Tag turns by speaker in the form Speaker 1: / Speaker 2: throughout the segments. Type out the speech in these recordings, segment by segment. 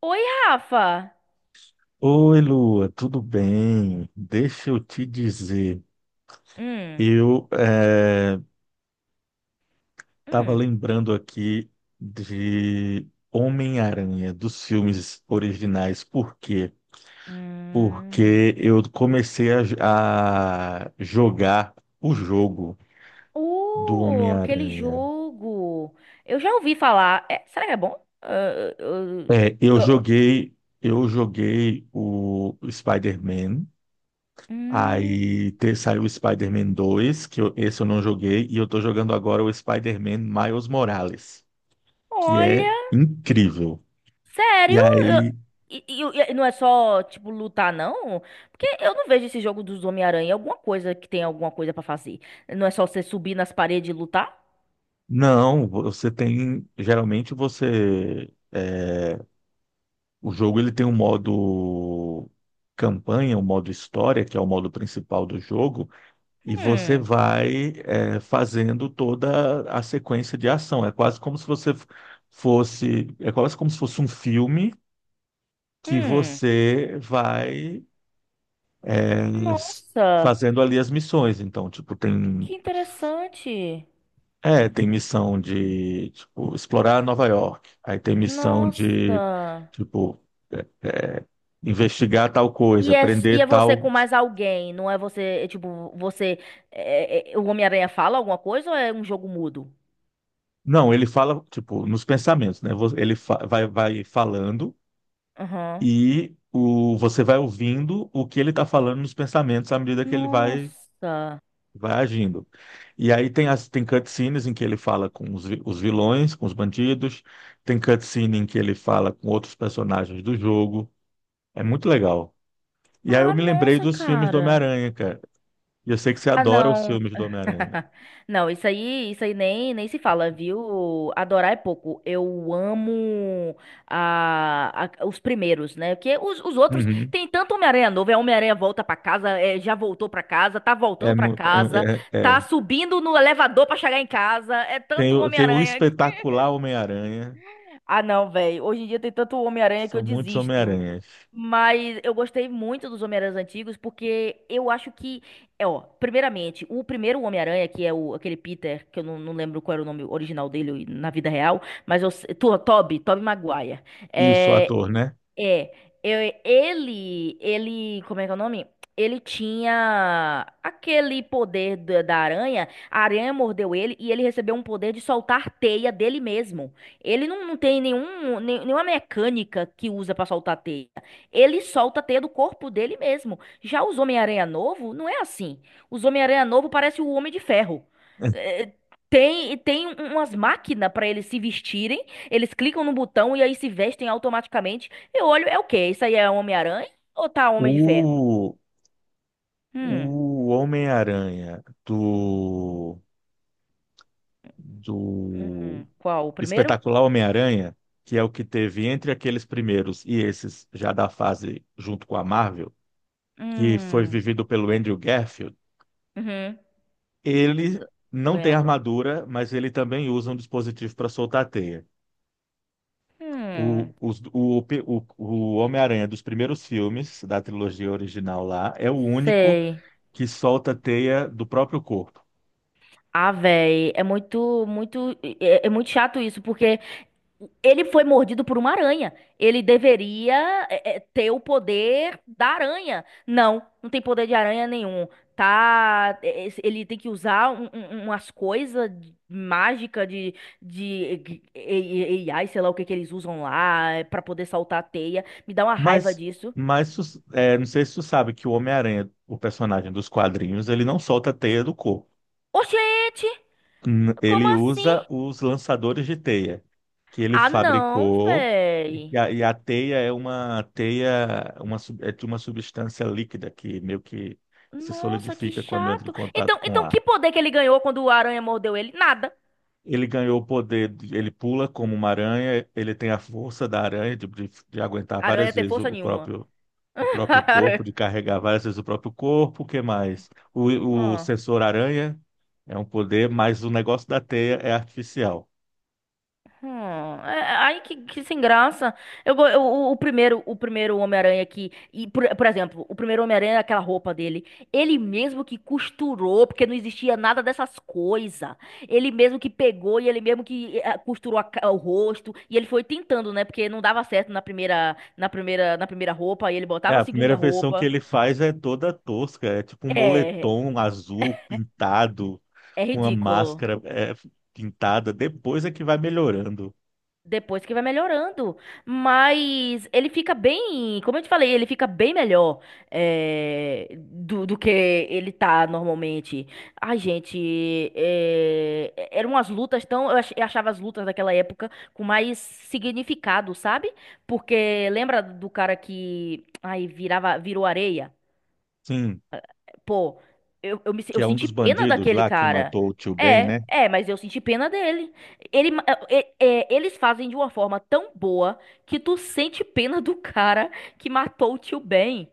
Speaker 1: Oi, Rafa.
Speaker 2: Oi, Lua, tudo bem? Deixa eu te dizer,
Speaker 1: Hum,
Speaker 2: eu estava
Speaker 1: hum,
Speaker 2: lembrando aqui de Homem-Aranha, dos filmes originais. Por quê?
Speaker 1: hum.
Speaker 2: Porque eu comecei a jogar o jogo do
Speaker 1: Aquele
Speaker 2: Homem-Aranha.
Speaker 1: jogo. Eu já ouvi falar. É, será que é bom? Ah,
Speaker 2: É,
Speaker 1: ah, ah, ah.
Speaker 2: eu joguei o Spider-Man. Aí
Speaker 1: hum,
Speaker 2: saiu o Spider-Man 2, que esse eu não joguei, e eu tô jogando agora o Spider-Man Miles Morales, que é
Speaker 1: Olha,
Speaker 2: incrível. E
Speaker 1: sério? Eu-
Speaker 2: aí,
Speaker 1: E, e não é só, tipo, lutar, não? Porque eu não vejo esse jogo dos Homem-Aranha. Alguma coisa que tem alguma coisa pra fazer. Não é só você subir nas paredes e lutar?
Speaker 2: não, você tem, geralmente você, o jogo ele tem um modo campanha, um modo história, que é o modo principal do jogo, e você
Speaker 1: Hum,
Speaker 2: vai, fazendo toda a sequência de ação. É quase como se você fosse, é quase como se fosse um filme que
Speaker 1: hum.
Speaker 2: você vai é, s-
Speaker 1: Nossa,
Speaker 2: fazendo ali as missões. Então, tipo, tem,
Speaker 1: que interessante.
Speaker 2: é, tem missão de, tipo, explorar Nova York. Aí tem missão de,
Speaker 1: Nossa.
Speaker 2: tipo, eh, eh, investigar tal coisa,
Speaker 1: E
Speaker 2: prender
Speaker 1: é você
Speaker 2: tal.
Speaker 1: com mais alguém, não é você, é tipo, você. É, o Homem-Aranha fala alguma coisa ou é um jogo mudo?
Speaker 2: Não, ele fala, tipo, nos pensamentos, né? Vai falando
Speaker 1: Aham.
Speaker 2: e o, você vai ouvindo o que ele está falando nos pensamentos à medida que ele vai
Speaker 1: Nossa.
Speaker 2: vai agindo. E aí tem cutscenes em que ele fala com os vilões, com os bandidos, tem cutscene em que ele fala com outros personagens do jogo. É muito legal. E aí eu
Speaker 1: Ah,
Speaker 2: me lembrei
Speaker 1: nossa,
Speaker 2: dos filmes do
Speaker 1: cara.
Speaker 2: Homem-Aranha, cara. E eu sei que você
Speaker 1: Ah,
Speaker 2: adora os
Speaker 1: não.
Speaker 2: filmes do Homem-Aranha.
Speaker 1: Não, isso aí nem se fala, viu? Adorar é pouco. Eu amo os primeiros, né? Porque os outros
Speaker 2: Uhum.
Speaker 1: tem tanto Homem-Aranha novo, é Homem-Aranha volta pra casa, é, já voltou pra casa, tá voltando
Speaker 2: É,
Speaker 1: pra casa,
Speaker 2: é, é,
Speaker 1: tá
Speaker 2: é.
Speaker 1: subindo no elevador pra chegar em casa, é
Speaker 2: Tem,
Speaker 1: tanto
Speaker 2: tem o
Speaker 1: Homem-Aranha.
Speaker 2: espetacular Homem-Aranha.
Speaker 1: Ah, não, velho. Hoje em dia tem tanto Homem-Aranha que eu
Speaker 2: São muitos
Speaker 1: desisto.
Speaker 2: Homem-Aranhas.
Speaker 1: Mas eu gostei muito dos Homem-Aranhas antigos porque eu acho que, é, ó, primeiramente, o primeiro Homem-Aranha, que é o, aquele Peter, que eu não, não lembro qual era o nome original dele na vida real, mas eu sei, Tobey Maguire.
Speaker 2: Isso, o
Speaker 1: É,
Speaker 2: ator, né?
Speaker 1: é, eu- ele, ele, como é que é o nome? Ele tinha aquele poder da aranha, a aranha mordeu ele e ele recebeu um poder de soltar teia dele mesmo. Ele não, não tem nenhum, nenhuma mecânica que usa pra soltar teia. Ele solta a teia do corpo dele mesmo. Já os Homem-Aranha novo, não é assim. Os Homem-Aranha novo parece o Homem de Ferro. É, tem, tem um, umas máquinas pra eles se vestirem, eles clicam no botão e aí se vestem automaticamente. Eu olho, é o quê? Isso aí é Homem-Aranha ou tá Homem de Ferro?
Speaker 2: O,
Speaker 1: Hum,
Speaker 2: o Homem-Aranha do, do
Speaker 1: hum, qual? O primeiro?
Speaker 2: espetacular Homem-Aranha, que é o que teve entre aqueles primeiros e esses já da fase junto com a Marvel, que foi
Speaker 1: Hum,
Speaker 2: vivido pelo Andrew Garfield,
Speaker 1: uhum,
Speaker 2: ele não tem
Speaker 1: lembro.
Speaker 2: armadura, mas ele também usa um dispositivo para soltar a teia. O,
Speaker 1: Hum,
Speaker 2: os- o Homem-Aranha dos primeiros filmes, da trilogia original lá, é o único
Speaker 1: Sei.
Speaker 2: que solta teia do próprio corpo.
Speaker 1: Ah, véi, é muito, muito, é, é muito chato isso, porque ele foi mordido por uma aranha. Ele deveria é, é, ter o poder da aranha. Não, não tem poder de aranha nenhum. Tá, é, é, ele tem que usar um, umas coisas mágicas de AI, sei lá o que que eles usam lá, é, pra poder saltar a teia. Me dá uma raiva
Speaker 2: Mas,
Speaker 1: disso.
Speaker 2: mas é, não sei se tu sabe que o Homem-Aranha, o personagem dos quadrinhos, ele não solta teia do corpo.
Speaker 1: Oxente, como
Speaker 2: Ele
Speaker 1: assim?
Speaker 2: usa os lançadores de teia que ele
Speaker 1: Ah, não,
Speaker 2: fabricou e
Speaker 1: véi.
Speaker 2: a teia é uma é de uma substância líquida que meio que se
Speaker 1: Nossa, que
Speaker 2: solidifica quando entra em
Speaker 1: chato.
Speaker 2: contato
Speaker 1: Então,
Speaker 2: com
Speaker 1: então
Speaker 2: ar.
Speaker 1: que poder que ele ganhou quando a aranha mordeu ele? Nada.
Speaker 2: Ele ganhou o poder, ele pula como uma aranha, ele tem a força da aranha de aguentar
Speaker 1: A aranha
Speaker 2: várias
Speaker 1: tem
Speaker 2: vezes
Speaker 1: força nenhuma.
Speaker 2: o próprio corpo, de carregar várias vezes o próprio corpo, o que mais? O
Speaker 1: Hum,
Speaker 2: sensor aranha é um poder, mas o negócio da teia é artificial.
Speaker 1: É, ai, que sem graça. O, o primeiro Homem-Aranha aqui, e por exemplo, o primeiro Homem-Aranha, é aquela roupa dele, ele mesmo que costurou, porque não existia nada dessas coisas. Ele mesmo que pegou e ele mesmo que costurou a o rosto, e ele foi tentando, né? Porque não dava certo na primeira, na primeira roupa, e ele
Speaker 2: É,
Speaker 1: botava a
Speaker 2: a
Speaker 1: segunda
Speaker 2: primeira versão que
Speaker 1: roupa.
Speaker 2: ele faz é toda tosca, é tipo um
Speaker 1: É,
Speaker 2: moletom azul pintado,
Speaker 1: é
Speaker 2: com uma
Speaker 1: ridículo.
Speaker 2: máscara é, pintada, depois é que vai melhorando.
Speaker 1: Depois que vai melhorando. Mas ele fica bem. Como eu te falei, ele fica bem melhor do, do que ele tá normalmente. Ai, gente. Eram umas lutas tão. Eu achava as lutas daquela época com mais significado, sabe? Porque lembra do cara que. Ai, virava, virou areia?
Speaker 2: Sim,
Speaker 1: Pô,
Speaker 2: que
Speaker 1: eu
Speaker 2: é um
Speaker 1: senti
Speaker 2: dos
Speaker 1: pena
Speaker 2: bandidos
Speaker 1: daquele
Speaker 2: lá que
Speaker 1: cara.
Speaker 2: matou o tio Ben,
Speaker 1: É,
Speaker 2: né?
Speaker 1: é, mas eu senti pena dele. É, é, é, eles fazem de uma forma tão boa que tu sente pena do cara que matou o tio Ben.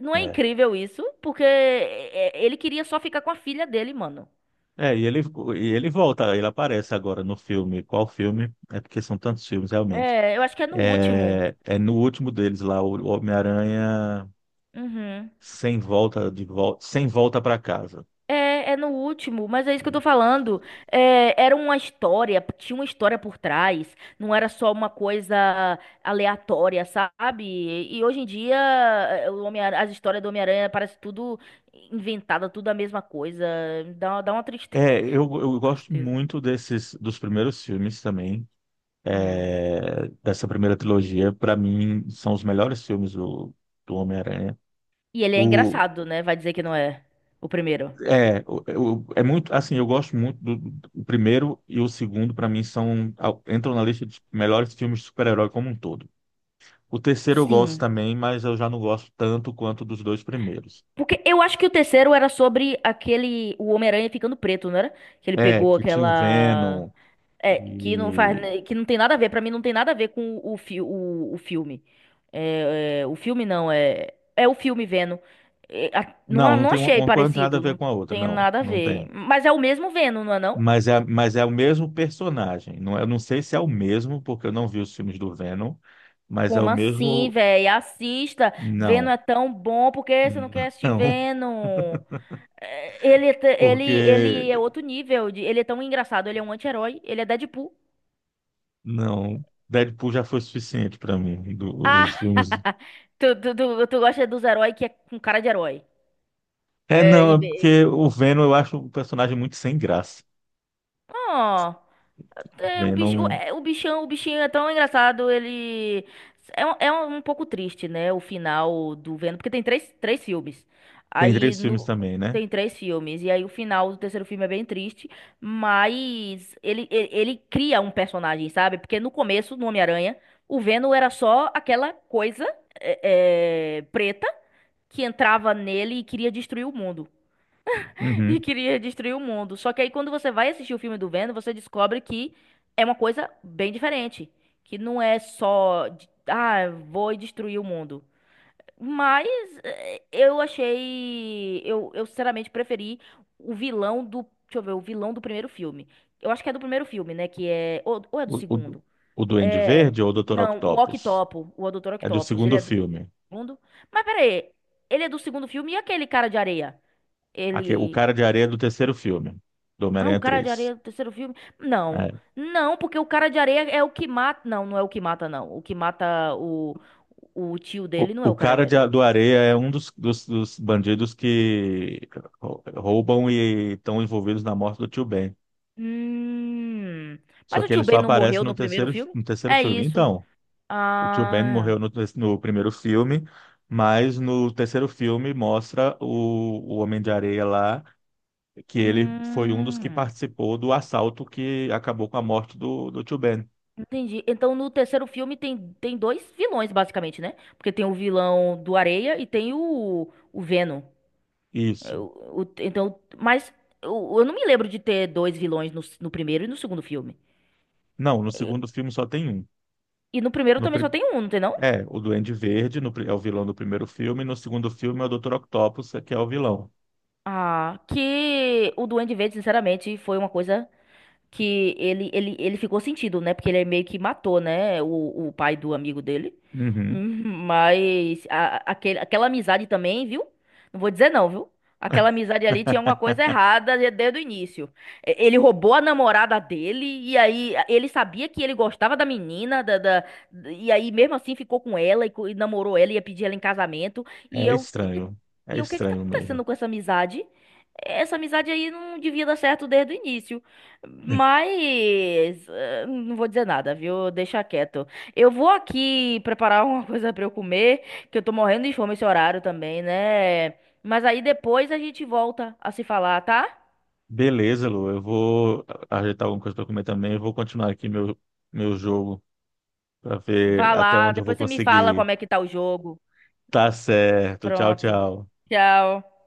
Speaker 1: Não é
Speaker 2: É.
Speaker 1: incrível isso? Porque é, é, ele queria só ficar com a filha dele, mano.
Speaker 2: É, e ele volta, ele aparece agora no filme. Qual filme? É porque são tantos filmes, realmente.
Speaker 1: É, eu acho que é no último.
Speaker 2: É, é no último deles lá, o Homem-Aranha
Speaker 1: Uhum.
Speaker 2: sem volta de volta, sem volta para casa.
Speaker 1: É, é no último, mas é isso que eu tô falando. É, era uma história, tinha uma história por trás, não era só uma coisa aleatória, sabe? E hoje em dia, é, o Homem, as histórias do Homem-Aranha parece tudo inventada, tudo a mesma coisa. Dá, dá uma tristeza,
Speaker 2: É,
Speaker 1: dá
Speaker 2: eu
Speaker 1: uma
Speaker 2: gosto
Speaker 1: tristeza.
Speaker 2: muito desses dos primeiros filmes também,
Speaker 1: Hum.
Speaker 2: é, dessa primeira trilogia. Para mim, são os melhores filmes do, do Homem-Aranha.
Speaker 1: E ele é
Speaker 2: O,
Speaker 1: engraçado, né? Vai dizer que não é o primeiro.
Speaker 2: é, é muito assim, eu gosto muito do, do primeiro e o segundo. Para mim, são entram na lista dos melhores filmes de super-herói como um todo. O terceiro eu gosto
Speaker 1: Sim.
Speaker 2: também, mas eu já não gosto tanto quanto dos dois primeiros.
Speaker 1: Porque eu acho que o terceiro era sobre aquele, o Homem-Aranha ficando preto, não era? Que ele
Speaker 2: É,
Speaker 1: pegou
Speaker 2: que tinha o
Speaker 1: aquela
Speaker 2: Venom
Speaker 1: é, que não faz,
Speaker 2: e
Speaker 1: que não tem nada a ver, pra mim não tem nada a ver com o, fi, o filme. É, é, o filme não, é, é o filme Venom. É, não,
Speaker 2: não, não
Speaker 1: não
Speaker 2: tem
Speaker 1: achei
Speaker 2: uma coisa não tem nada a
Speaker 1: parecido,
Speaker 2: ver
Speaker 1: não
Speaker 2: com a outra,
Speaker 1: tem
Speaker 2: não,
Speaker 1: nada a
Speaker 2: não
Speaker 1: ver.
Speaker 2: tem.
Speaker 1: Mas é o mesmo Venom, não é não?
Speaker 2: Mas é o mesmo personagem. Não, é, eu não sei se é o mesmo, porque eu não vi os filmes do Venom, mas é o
Speaker 1: Como assim,
Speaker 2: mesmo.
Speaker 1: véi? Assista, Venom
Speaker 2: Não,
Speaker 1: é tão bom, por que você não quer assistir
Speaker 2: não,
Speaker 1: Venom? É, ele, ele,
Speaker 2: porque
Speaker 1: ele é outro nível, ele é tão engraçado, ele é um anti-herói, ele é Deadpool.
Speaker 2: não. Deadpool já foi suficiente para mim,
Speaker 1: Ah,
Speaker 2: os filmes.
Speaker 1: tu gosta dos heróis que é com cara de herói.
Speaker 2: É,
Speaker 1: É,
Speaker 2: não,
Speaker 1: em
Speaker 2: é
Speaker 1: vez-
Speaker 2: porque o Venom eu acho um personagem muito sem graça.
Speaker 1: Ó, é, o bicho,
Speaker 2: Venom
Speaker 1: é, o bichão, o bichinho é tão engraçado, ele é, é um pouco triste, né, o final do Venom, porque tem três, três filmes.
Speaker 2: tem
Speaker 1: Aí
Speaker 2: três filmes
Speaker 1: no
Speaker 2: também, né?
Speaker 1: tem três filmes e aí o final do terceiro filme é bem triste, mas ele cria um personagem, sabe? Porque no começo, no Homem-Aranha, o Venom era só aquela coisa é, é, preta que entrava nele e queria destruir o mundo. E
Speaker 2: Uhum.
Speaker 1: queria destruir o mundo. Só que aí quando você vai assistir o filme do Venom, você descobre que é uma coisa bem diferente. Que não é só, ah, vou destruir o mundo. Mas eu achei. Eu sinceramente preferi o vilão do. Deixa eu ver, o vilão do primeiro filme. Eu acho que é do primeiro filme, né? Que é. Ou é do
Speaker 2: O, o,
Speaker 1: segundo?
Speaker 2: o Duende
Speaker 1: É.
Speaker 2: Verde ou o Dr.
Speaker 1: Não, o
Speaker 2: Octopus?
Speaker 1: Octopo, o Dr.
Speaker 2: É do
Speaker 1: Octopus. Ele
Speaker 2: segundo
Speaker 1: é do
Speaker 2: filme.
Speaker 1: segundo. Mas peraí, ele é do segundo filme e aquele cara de areia?
Speaker 2: O
Speaker 1: Ele.
Speaker 2: Cara de Areia é do terceiro filme, do
Speaker 1: Ah, o
Speaker 2: Homem-Aranha
Speaker 1: Cara de
Speaker 2: 3.
Speaker 1: Areia do terceiro filme? Não. Não, porque o Cara de Areia é o que mata. Não, não é o que mata, não. O que mata o tio dele não é o Cara de Areia.
Speaker 2: Do Areia é um dos, dos bandidos que roubam e estão envolvidos na morte do Tio Ben.
Speaker 1: Hum.
Speaker 2: Só
Speaker 1: Mas o
Speaker 2: que
Speaker 1: tio
Speaker 2: ele só
Speaker 1: Ben não
Speaker 2: aparece
Speaker 1: morreu
Speaker 2: no
Speaker 1: no primeiro
Speaker 2: terceiro,
Speaker 1: filme?
Speaker 2: no terceiro
Speaker 1: É
Speaker 2: filme.
Speaker 1: isso.
Speaker 2: Então, o Tio Ben
Speaker 1: Ah.
Speaker 2: morreu no primeiro filme, mas no terceiro filme mostra o Homem de Areia lá, que ele foi um dos que
Speaker 1: Hum.
Speaker 2: participou do assalto que acabou com a morte do, do Tio Ben.
Speaker 1: Entendi. Então no terceiro filme tem, tem dois vilões, basicamente, né? Porque tem o vilão do Areia e tem o Venom.
Speaker 2: Isso.
Speaker 1: Eu- então, mas eu, eu não me lembro de ter dois vilões no, no primeiro e no segundo filme.
Speaker 2: Não, no segundo filme só tem um.
Speaker 1: E no primeiro
Speaker 2: No,
Speaker 1: também só
Speaker 2: pri-
Speaker 1: tem um, não tem não?
Speaker 2: É, o Duende Verde no é o vilão do primeiro filme, e no segundo filme é o Dr. Octopus, que é o vilão.
Speaker 1: Ah, que o Duende Verde, sinceramente, foi uma coisa. Que ele, ele ficou sentido, né? Porque ele meio que matou, né? O pai do amigo dele.
Speaker 2: Uhum.
Speaker 1: Mas aquele, aquela amizade também, viu? Não vou dizer não, viu? Aquela amizade ali tinha alguma coisa errada desde o início. Ele roubou a namorada dele, e aí ele sabia que ele gostava da menina, da- e aí mesmo assim ficou com ela e, e namorou ela, ia pedir ela em casamento. E
Speaker 2: É
Speaker 1: eu, que que-
Speaker 2: estranho. É
Speaker 1: e eu, o que que tá
Speaker 2: estranho mesmo.
Speaker 1: acontecendo com essa amizade? Essa amizade aí não devia dar certo desde o início. Mas não vou dizer nada, viu? Deixa quieto. Eu vou aqui preparar alguma coisa pra eu comer, que eu tô morrendo de fome esse horário também, né? Mas aí depois a gente volta a se falar, tá?
Speaker 2: Beleza, Lu. Eu vou ajeitar alguma coisa para comer também. Eu vou continuar aqui meu, meu jogo para ver
Speaker 1: Vá
Speaker 2: até
Speaker 1: lá,
Speaker 2: onde eu vou
Speaker 1: depois você me fala
Speaker 2: conseguir.
Speaker 1: como é que tá o jogo.
Speaker 2: Tá certo. Tchau,
Speaker 1: Pronto.
Speaker 2: tchau.
Speaker 1: Tchau.